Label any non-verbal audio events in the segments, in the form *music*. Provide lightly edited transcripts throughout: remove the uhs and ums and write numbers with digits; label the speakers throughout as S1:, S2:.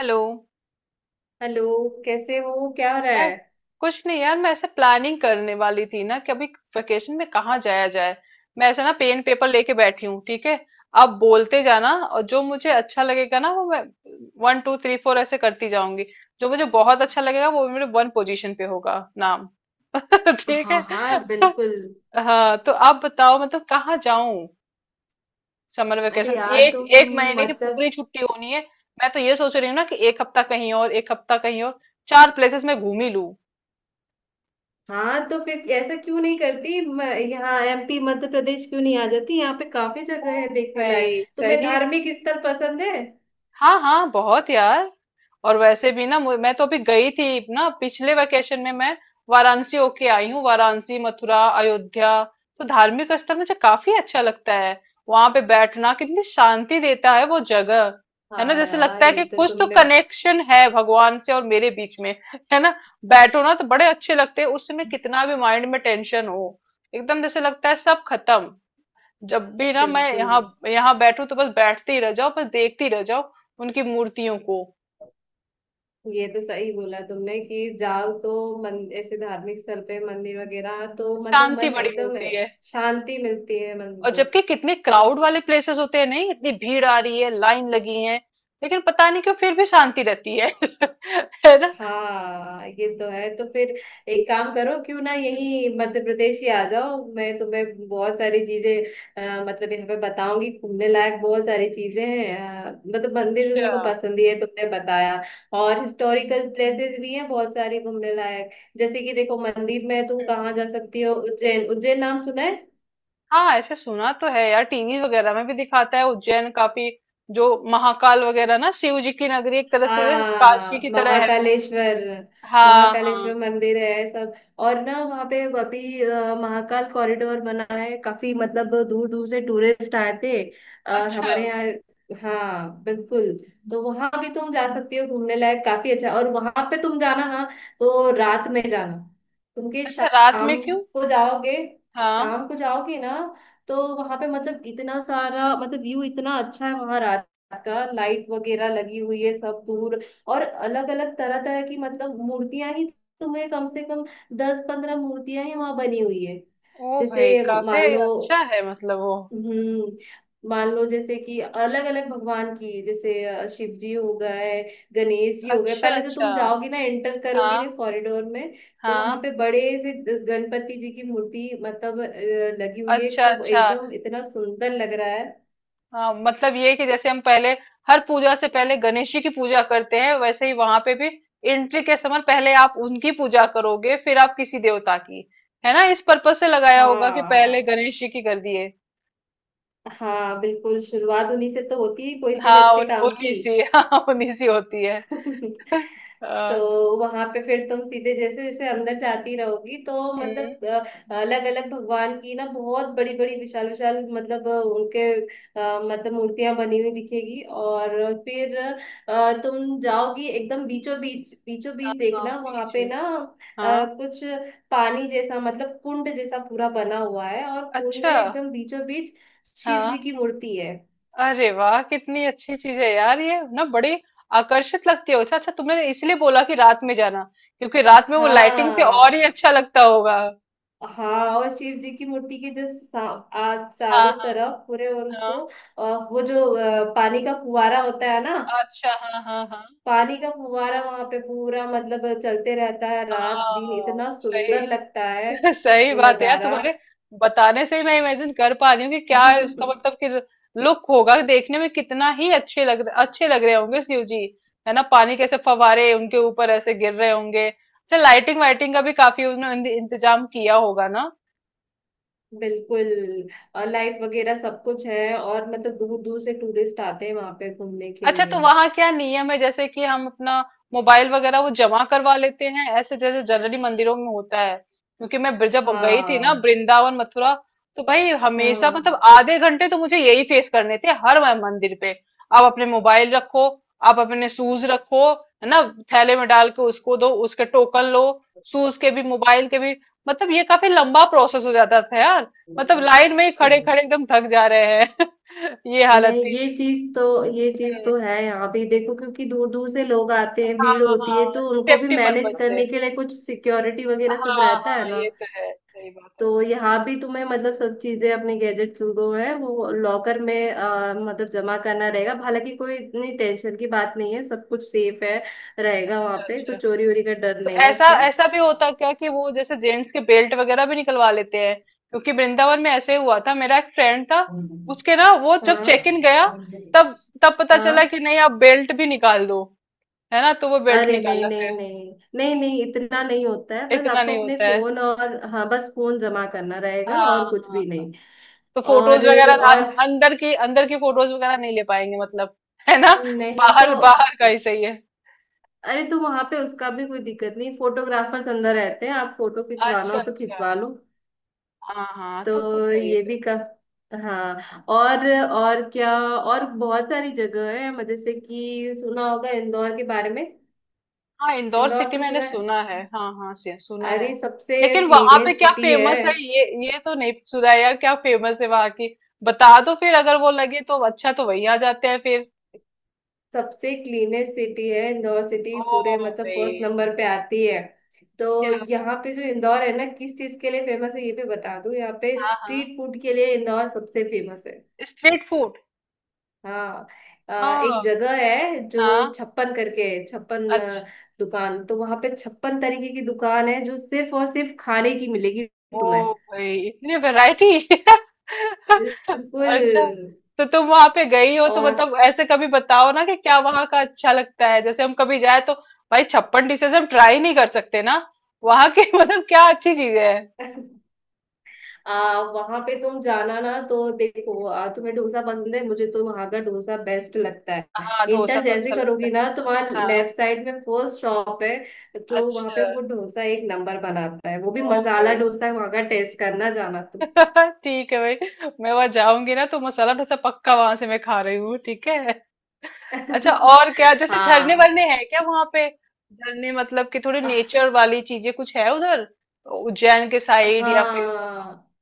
S1: Hello.
S2: Hello. कैसे हो? क्या हो रहा है?
S1: मैं कुछ नहीं यार, मैं ऐसे प्लानिंग करने वाली थी ना कि अभी वेकेशन में कहाँ जाया जाए। मैं ऐसे ना पेन पेपर लेके बैठी हूँ, ठीक है? आप बोलते जाना, और जो मुझे अच्छा लगेगा ना वो मैं वन टू थ्री फोर ऐसे करती जाऊंगी। जो मुझे बहुत अच्छा लगेगा वो मेरे वन पोजीशन पे होगा। नाम। *laughs* ठीक है।
S2: हाँ हाँ,
S1: तो,
S2: बिल्कुल।
S1: हाँ तो आप बताओ, मतलब कहाँ जाऊं? समर
S2: अरे
S1: वेकेशन।
S2: यार,
S1: एक
S2: तुम
S1: एक महीने की पूरी
S2: मतलब,
S1: छुट्टी होनी है। मैं तो ये सोच रही हूँ ना कि एक हफ्ता कहीं और एक हफ्ता कहीं और चार प्लेसेस में घूम ही लूं।
S2: हाँ तो फिर ऐसा क्यों नहीं करती यहाँ एमपी मध्य प्रदेश क्यों नहीं आ जाती? यहाँ पे काफी जगह है देखने लायक।
S1: भाई
S2: तुम्हें
S1: सही।
S2: धार्मिक स्थल पसंद है?
S1: हाँ हाँ, बहुत यार। और वैसे भी ना मैं तो अभी गई थी ना पिछले वेकेशन में, मैं वाराणसी होके आई हूँ। वाराणसी, मथुरा, अयोध्या। तो धार्मिक स्थल मुझे काफी अच्छा लगता है। वहां पे बैठना कितनी शांति देता है वो जगह। है ना?
S2: हाँ
S1: जैसे लगता
S2: यार,
S1: है
S2: ये
S1: कि
S2: तो
S1: कुछ तो
S2: तुमने,
S1: कनेक्शन है भगवान से और मेरे बीच में, है ना? बैठो ना तो बड़े अच्छे लगते हैं। उस समय कितना भी माइंड में टेंशन हो एकदम जैसे लगता है सब खत्म। जब भी ना मैं
S2: बिल्कुल,
S1: यहाँ यहाँ बैठू तो बस बैठती ही रह जाओ, बस देखती रह जाओ उनकी मूर्तियों को।
S2: ये तो सही बोला तुमने कि जाओ तो मन ऐसे धार्मिक स्थल पे मंदिर वगैरह तो मतलब
S1: शांति
S2: मन
S1: बड़ी
S2: एकदम
S1: मिलती है।
S2: शांति मिलती है मन
S1: और
S2: को
S1: जबकि कितने
S2: तो।
S1: क्राउड वाले प्लेसेस होते हैं, नहीं इतनी भीड़ आ रही है, लाइन लगी है, लेकिन पता नहीं क्यों फिर भी शांति रहती है। *laughs* है ना?
S2: हाँ, ये तो है। तो फिर एक काम करो, क्यों ना यही मध्य प्रदेश ही आ जाओ। मैं तुम्हें बहुत सारी चीजें मतलब यहाँ पे बताऊंगी, घूमने लायक बहुत सारी चीजें हैं। मतलब मंदिर तो
S1: अच्छा।
S2: तुमको पसंद ही है, तुमने बताया। और हिस्टोरिकल प्लेसेस भी हैं बहुत सारी घूमने लायक। जैसे कि देखो, मंदिर में तुम कहाँ
S1: हम्म।
S2: जा सकती हो, उज्जैन। उज्जैन नाम सुना है?
S1: हाँ, ऐसे सुना तो है यार, टीवी वगैरह में भी दिखाता है उज्जैन काफी। जो महाकाल वगैरह ना, शिव जी की नगरी एक तरह से ना, काशी
S2: हाँ,
S1: की तरह है वो।
S2: महाकालेश्वर।
S1: हाँ हाँ।
S2: महाकालेश्वर मंदिर है सब। और ना वहाँ पे अभी महाकाल कॉरिडोर बना है काफी, मतलब दूर दूर से टूरिस्ट आते हैं। और
S1: अच्छा।
S2: हमारे यहाँ हाँ बिल्कुल, तो वहां भी तुम जा सकती हो घूमने लायक, काफी अच्छा। और वहां पे तुम जाना ना तो रात में जाना। तुम के
S1: अच्छा, रात
S2: शाम
S1: में क्यों?
S2: को जाओगे,
S1: हाँ।
S2: शाम को जाओगे ना, तो वहां पे मतलब इतना सारा, मतलब व्यू इतना अच्छा है वहां का। लाइट वगैरह लगी हुई है सब दूर। और अलग अलग तरह तरह की मतलब मूर्तियां ही, तुम्हें कम से कम 10-15 मूर्तियां ही वहां बनी हुई है।
S1: ओ
S2: जैसे
S1: भाई, काफी
S2: मान लो,
S1: अच्छा है मतलब वो।
S2: हम्म, मान लो जैसे कि अलग अलग भगवान की, जैसे शिव जी हो गए, गणेश जी हो गए।
S1: अच्छा
S2: पहले तो
S1: अच्छा।
S2: तुम जाओगी ना, एंटर करोगी
S1: हाँ
S2: ना कॉरिडोर में, तो वहां
S1: हाँ।
S2: पे बड़े से गणपति जी की मूर्ति मतलब लगी हुई है
S1: अच्छा
S2: खूब,
S1: अच्छा।
S2: एकदम इतना सुंदर लग रहा है।
S1: हाँ मतलब ये कि जैसे हम पहले हर पूजा से पहले गणेश जी की पूजा करते हैं, वैसे ही वहां पे भी एंट्री के समय पहले आप उनकी पूजा करोगे फिर आप किसी देवता की। है ना, इस पर्पज से लगाया होगा कि पहले
S2: हाँ
S1: गणेश जी की कर दिए।
S2: हाँ, बिल्कुल, शुरुआत उन्हीं से तो होती है कोई से भी
S1: हाँ,
S2: अच्छे काम
S1: उन्हीं
S2: की।
S1: सी *laughs* हाँ उन्हीं सी होती है।
S2: *laughs*
S1: *laughs*
S2: तो
S1: आ,
S2: वहां पे फिर तुम सीधे जैसे जैसे अंदर जाती रहोगी तो
S1: हम्म।
S2: मतलब अलग अलग भगवान की ना बहुत बड़ी बड़ी विशाल विशाल मतलब उनके मतलब मूर्तियां बनी हुई दिखेगी। और फिर तुम जाओगी एकदम बीचों बीच, बीचों बीच
S1: हाँ
S2: देखना वहां
S1: बीच
S2: पे
S1: में।
S2: ना
S1: हाँ।
S2: कुछ पानी जैसा मतलब कुंड जैसा पूरा बना हुआ है, और कुंड में
S1: अच्छा।
S2: एकदम बीचों बीच शिव जी
S1: हाँ।
S2: की मूर्ति है।
S1: अरे वाह, कितनी अच्छी चीज है यार ये ना, बड़ी आकर्षित लगती है। अच्छा अच्छा, तुमने इसलिए बोला कि रात में जाना क्योंकि रात में वो लाइटिंग से और ही
S2: हाँ
S1: अच्छा लगता होगा।
S2: हाँ, और शिव जी की मूर्ति के जस्ट आ
S1: हाँ
S2: चारों
S1: हाँ
S2: तरफ पूरे
S1: हाँ।
S2: उनको, अ, वो जो पानी का फुवारा होता है ना,
S1: अच्छा। हाँ हाँ हाँ।
S2: पानी का फुवारा वहां पे पूरा मतलब चलते रहता है रात दिन,
S1: हाँ
S2: इतना
S1: सही।
S2: सुंदर लगता है
S1: *laughs* सही
S2: वो
S1: बात है यार,
S2: नजारा।
S1: तुम्हारे बताने से ही मैं इमेजिन कर पा रही हूँ कि क्या
S2: *laughs*
S1: है उसका मतलब कि लुक होगा देखने में। कितना ही अच्छे लग रहे होंगे शिव जी। है ना? पानी कैसे फवारे उनके ऊपर ऐसे गिर रहे होंगे। अच्छा लाइटिंग वाइटिंग का भी काफी उन्होंने इंतजाम किया होगा ना।
S2: बिल्कुल, और लाइट वगैरह सब कुछ है, और मतलब दूर दूर से टूरिस्ट आते हैं वहां पे घूमने के
S1: अच्छा, तो
S2: लिए।
S1: वहां क्या नियम है जैसे कि हम अपना मोबाइल वगैरह वो जमा करवा लेते हैं ऐसे जैसे जनरली मंदिरों में होता है? क्योंकि मैं जब गई थी ना
S2: हाँ
S1: वृंदावन मथुरा, तो भाई
S2: हाँ
S1: हमेशा
S2: हाँ।
S1: मतलब आधे घंटे तो मुझे यही फेस करने थे हर मंदिर पे। आप अपने मोबाइल रखो, आप अपने शूज रखो, है ना? थैले में डाल के उसको दो, उसके टोकन लो, शूज के भी मोबाइल के भी। मतलब ये काफी लंबा प्रोसेस हो जाता था यार। मतलब लाइन में ही खड़े खड़े एकदम थक जा रहे हैं *laughs* ये हालत
S2: नहीं, ये चीज तो, ये चीज तो
S1: थी।
S2: है यहाँ भी देखो, क्योंकि दूर दूर से लोग आते हैं,
S1: हाँ
S2: भीड़ होती है,
S1: हाँ
S2: तो उनको भी
S1: सेफ्टी
S2: मैनेज
S1: पर्पस से।
S2: करने के लिए कुछ सिक्योरिटी वगैरह सब
S1: हाँ
S2: रहता है
S1: हाँ,
S2: ना।
S1: ये तो है, सही बात है।
S2: तो यहाँ भी तुम्हें मतलब सब चीजें, अपने गैजेट्स जो है वो लॉकर में मतलब जमा करना रहेगा। हालांकि कोई इतनी टेंशन की बात नहीं है, सब कुछ सेफ है रहेगा वहाँ
S1: अच्छा
S2: पे,
S1: अच्छा।
S2: कुछ चोरी वोरी का डर
S1: तो
S2: नहीं है
S1: ऐसा
S2: अपना।
S1: ऐसा भी होता क्या कि वो जैसे जेंट्स के बेल्ट वगैरह भी निकलवा लेते हैं? क्योंकि वृंदावन में ऐसे ही हुआ था, मेरा एक फ्रेंड था, उसके ना वो जब चेक इन
S2: हाँ
S1: गया तब तब पता चला
S2: हाँ,
S1: कि नहीं आप बेल्ट भी निकाल दो। है ना, तो वो बेल्ट
S2: अरे नहीं
S1: निकाला
S2: नहीं
S1: फिर।
S2: नहीं नहीं नहीं, इतना नहीं होता है, बस
S1: इतना
S2: आपको
S1: नहीं
S2: अपने
S1: होता है।
S2: फोन, और हाँ, बस फोन जमा करना रहेगा
S1: हाँ
S2: और कुछ
S1: हाँ।
S2: भी नहीं।
S1: तो फोटोज
S2: और
S1: वगैरह
S2: और
S1: अंदर की फोटोज वगैरह नहीं ले पाएंगे मतलब, है ना?
S2: नहीं तो,
S1: बाहर बाहर का ही सही है।
S2: अरे तो वहां पे उसका भी कोई दिक्कत नहीं, फोटोग्राफर्स अंदर रहते हैं, आप फोटो खिंचवाना
S1: अच्छा
S2: हो तो
S1: अच्छा।
S2: खिंचवा लो।
S1: हाँ हाँ तब तो
S2: तो
S1: सही है
S2: ये
S1: फिर।
S2: भी का, हाँ और, और क्या? और बहुत सारी जगह है। जैसे कि सुना होगा इंदौर के बारे में,
S1: हाँ, इंदौर
S2: इंदौर
S1: सिटी
S2: तो
S1: मैंने
S2: सुना है।
S1: सुना है, हाँ हाँ, सुना
S2: अरे,
S1: है।
S2: सबसे
S1: लेकिन वहां पे
S2: क्लीनेस्ट
S1: क्या
S2: सिटी है,
S1: फेमस है, ये तो नहीं सुना यार? क्या फेमस है वहां की? बता दो फिर, अगर वो लगे तो अच्छा तो वही आ जाते हैं फिर।
S2: सबसे क्लीनेस्ट सिटी है इंदौर सिटी,
S1: ओ
S2: पूरे मतलब
S1: भाई
S2: फर्स्ट नंबर पे आती है। तो
S1: क्या।
S2: यहाँ पे जो इंदौर है ना, किस चीज के लिए फेमस है ये भी बता दूं, यहाँ पे
S1: हाँ हाँ,
S2: स्ट्रीट फूड के लिए इंदौर सबसे फेमस है।
S1: Street food.
S2: हाँ, एक
S1: हाँ
S2: जगह है जो
S1: हाँ।
S2: 56 करके है, 56
S1: अच्छा।
S2: दुकान, तो वहां पे 56 तरीके की दुकान है जो सिर्फ और सिर्फ खाने की मिलेगी
S1: ओ
S2: तुम्हें,
S1: भाई, इतनी वैरायटी। *laughs*
S2: बिल्कुल।
S1: अच्छा, तो तुम वहां पे गई हो तो
S2: और
S1: मतलब ऐसे कभी बताओ ना कि क्या वहां का अच्छा लगता है जैसे हम कभी जाए तो। भाई 56 डिशेज हम ट्राई नहीं कर सकते ना वहां के। *laughs* मतलब क्या अच्छी चीजें हैं?
S2: *laughs* वहां पे तुम जाना ना, तो देखो तुम्हें डोसा पसंद है? मुझे तो वहां का डोसा बेस्ट लगता है।
S1: हाँ, डोसा
S2: इंटर
S1: तो
S2: जैसे
S1: अच्छा लगता
S2: करोगी
S1: है।
S2: ना तो वहाँ
S1: हाँ।
S2: लेफ्ट साइड में फर्स्ट शॉप है जो, वहां
S1: अच्छा।
S2: पे वो डोसा एक नंबर बनाता है, वो भी
S1: ओ
S2: मसाला
S1: भाई।
S2: डोसा है वहां का, टेस्ट करना जाना तुम।
S1: *laughs* ठीक है भाई, मैं वहां जाऊंगी ना तो मसाला डोसा पक्का वहां से मैं खा रही हूँ, ठीक है। अच्छा,
S2: *laughs*
S1: और क्या जैसे झरने
S2: हाँ
S1: वरने हैं क्या वहां पे? झरने मतलब कि थोड़ी नेचर वाली चीजें कुछ है उधर, उज्जैन के साइड या फिर वहां?
S2: हाँ,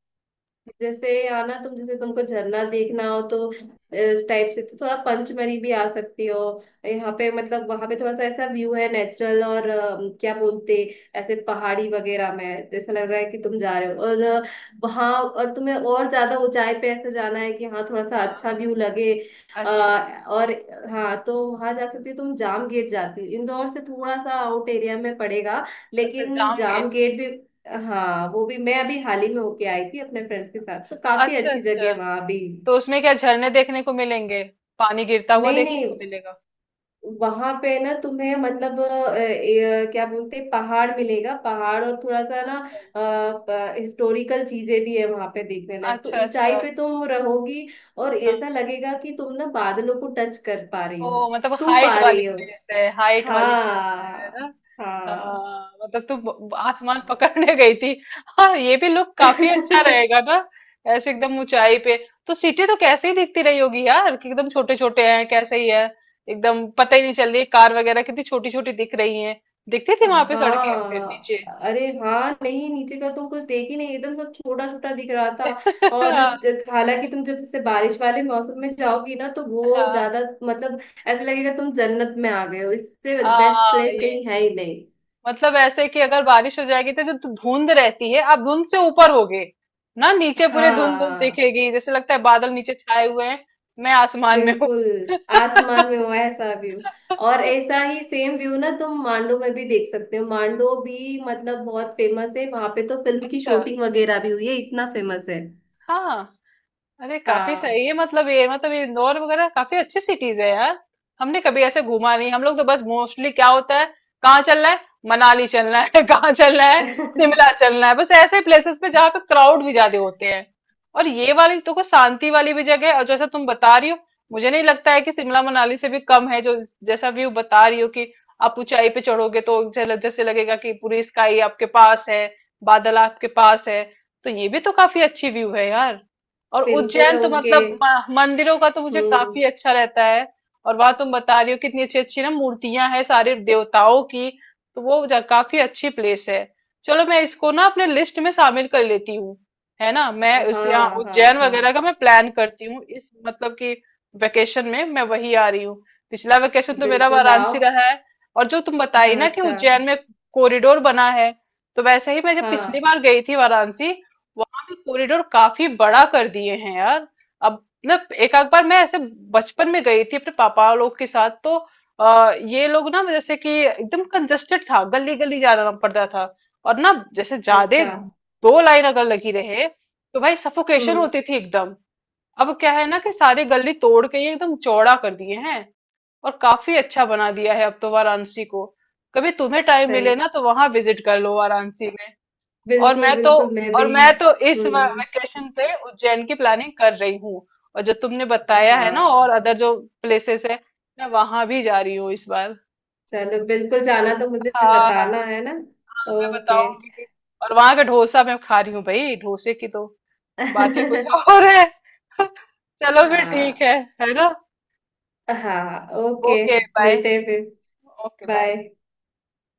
S2: जैसे आना तुम, जैसे तुमको झरना देखना हो तो इस टाइप से तो थोड़ा पंचमढ़ी भी आ सकती हो। यहाँ पे मतलब वहां पे थोड़ा सा ऐसा व्यू है नेचुरल, और क्या बोलते, ऐसे पहाड़ी वगैरह में जैसा लग रहा है कि तुम जा रहे हो, और वहाँ, और तुम्हें और ज्यादा ऊंचाई पे ऐसे जाना है कि हाँ थोड़ा सा अच्छा व्यू लगे।
S1: अच्छा
S2: अ, और हाँ, तो वहां जा सकती हो तुम जाम गेट, जाती हो इंदौर से थोड़ा सा आउट एरिया में पड़ेगा
S1: अच्छा
S2: लेकिन
S1: जाम
S2: जाम
S1: गेट।
S2: गेट भी, हाँ, वो भी मैं अभी हाल ही में होके आई थी अपने फ्रेंड्स के साथ, तो काफी
S1: अच्छा
S2: अच्छी जगह है
S1: अच्छा।
S2: वहां भी।
S1: तो उसमें क्या झरने देखने को मिलेंगे? पानी गिरता हुआ
S2: नहीं
S1: देखने
S2: नहीं,
S1: को मिलेगा?
S2: वहां पे ना तुम्हें मतलब क्या बोलते हैं, पहाड़ मिलेगा, पहाड़ और थोड़ा सा ना
S1: अच्छा
S2: हिस्टोरिकल चीजें भी है वहां पे देखने लायक। तो
S1: अच्छा।
S2: ऊंचाई
S1: अच्छा।
S2: पे तुम रहोगी, और
S1: हाँ।
S2: ऐसा लगेगा कि तुम ना बादलों को टच कर पा रही
S1: ओ
S2: हो,
S1: मतलब
S2: छू
S1: हाइट
S2: पा
S1: वाली
S2: रही हो।
S1: प्लेस है, हाइट वाली प्लेस। है ना?
S2: हाँ हाँ।
S1: हाँ, मतलब तू आसमान पकड़ने गई थी। हाँ, ये भी लुक काफी अच्छा रहेगा
S2: *laughs*
S1: ना, ऐसे एकदम ऊंचाई पे। तो सिटी तो कैसे ही दिखती रही होगी यार, कि एकदम छोटे छोटे हैं कैसे ही है, एकदम पता ही नहीं चल रही, कार वगैरह कितनी छोटी छोटी दिख रही है, दिखती थी वहां पे सड़कें फिर
S2: हाँ,
S1: नीचे।
S2: अरे हाँ, नहीं नीचे का तो कुछ देख ही नहीं, एकदम सब छोटा छोटा दिख रहा था।
S1: *laughs*
S2: और
S1: हाँ
S2: हालांकि तुम जब जैसे बारिश वाले मौसम में जाओगी ना तो वो
S1: हाँ।
S2: ज्यादा मतलब ऐसा लगेगा तुम जन्नत में आ गए हो, इससे बेस्ट
S1: हाँ,
S2: प्लेस
S1: ये
S2: कहीं है ही नहीं।
S1: मतलब ऐसे कि अगर बारिश हो जाएगी तो जो धुंध रहती है आप धुंध से ऊपर होगे ना, नीचे पूरे धुंध धुंध
S2: हाँ
S1: दिखेगी जैसे लगता है बादल नीचे छाए हुए हैं, मैं आसमान में हूँ।
S2: बिल्कुल,
S1: *laughs*
S2: आसमान में हुआ है ऐसा व्यू। और ऐसा ही सेम व्यू ना तुम मांडो में भी देख सकते हो। मांडो भी मतलब बहुत फेमस है, वहां पे तो फिल्म की
S1: अच्छा।
S2: शूटिंग वगैरह भी हुई है, इतना फेमस है।
S1: हाँ। अरे काफी
S2: हाँ।
S1: सही है, मतलब ये इंदौर वगैरह काफी अच्छी सिटीज है यार। हमने कभी ऐसे घूमा नहीं, हम लोग तो बस मोस्टली क्या होता है, कहाँ चलना है, मनाली चलना है *laughs* कहाँ चलना है,
S2: *laughs*
S1: शिमला चलना है, बस ऐसे प्लेसेस पे जहाँ पे क्राउड भी ज्यादा होते हैं। और ये वाली तो को शांति वाली भी जगह है, और जैसा तुम बता रही हो मुझे नहीं लगता है कि शिमला मनाली से भी कम है जो। जैसा व्यू बता रही हो कि आप ऊंचाई पे चढ़ोगे तो जैसे लगेगा कि पूरी स्काई आपके पास है, बादल आपके पास है। तो ये भी तो काफी अच्छी व्यू है यार। और
S2: बिल्कुल
S1: उज्जैन तो
S2: उनके,
S1: मतलब मंदिरों का तो मुझे
S2: हम्म,
S1: काफी अच्छा रहता है। और वहां तुम बता रही हो कितनी अच्छी अच्छी ना मूर्तियां हैं सारे देवताओं की, तो काफी अच्छी प्लेस है। चलो मैं इसको ना अपने लिस्ट में शामिल कर लेती हूँ। है ना? मैं उस यहाँ
S2: हाँ हाँ
S1: उज्जैन वगैरह
S2: हाँ,
S1: का मैं प्लान करती हूँ इस मतलब कि वेकेशन में मैं वही आ रही हूँ। पिछला वेकेशन तो मेरा
S2: बिल्कुल आओ।
S1: वाराणसी रहा है। और जो तुम बताई
S2: हाँ
S1: ना कि
S2: अच्छा,
S1: उज्जैन में कॉरिडोर बना है, तो वैसे ही मैं जब पिछली
S2: हाँ
S1: बार गई थी वाराणसी, कॉरिडोर काफी बड़ा कर दिए हैं यार अब। मतलब एक आध बार मैं ऐसे बचपन में गई थी अपने पापा लोग के साथ, तो ये लोग ना जैसे कि एकदम कंजस्टेड था, गली गली जाना पड़ता था, और ना जैसे ज्यादा
S2: अच्छा,
S1: दो लाइन अगर लगी रहे तो भाई सफोकेशन
S2: हम्म,
S1: होती थी एकदम। अब क्या है ना कि सारे गली तोड़ के ये एकदम चौड़ा कर दिए हैं, और काफी अच्छा बना दिया है अब तो वाराणसी को। कभी तुम्हें टाइम मिले
S2: सही,
S1: ना तो वहां विजिट कर लो वाराणसी में। और
S2: बिल्कुल
S1: मैं तो
S2: बिल्कुल, मैं
S1: और
S2: भी,
S1: मैं तो इस
S2: हम्म,
S1: वेकेशन पे उज्जैन की प्लानिंग कर रही हूँ। और जो तुमने बताया है ना और
S2: हाँ,
S1: अदर जो प्लेसेस है, मैं वहां भी जा रही हूँ इस बार।
S2: चलो बिल्कुल, जाना तो मुझे
S1: हाँ हाँ,
S2: बताना
S1: हाँ
S2: है ना।
S1: मैं
S2: ओके।
S1: बताऊंगी कि। और वहां का डोसा मैं खा रही हूँ भाई, डोसे की तो बात ही कुछ और
S2: *laughs*
S1: है। *laughs* चलो फिर ठीक
S2: हाँ
S1: है ना?
S2: हाँ, ओके,
S1: ओके बाय।
S2: मिलते हैं फिर।
S1: Okay bye.
S2: बाय।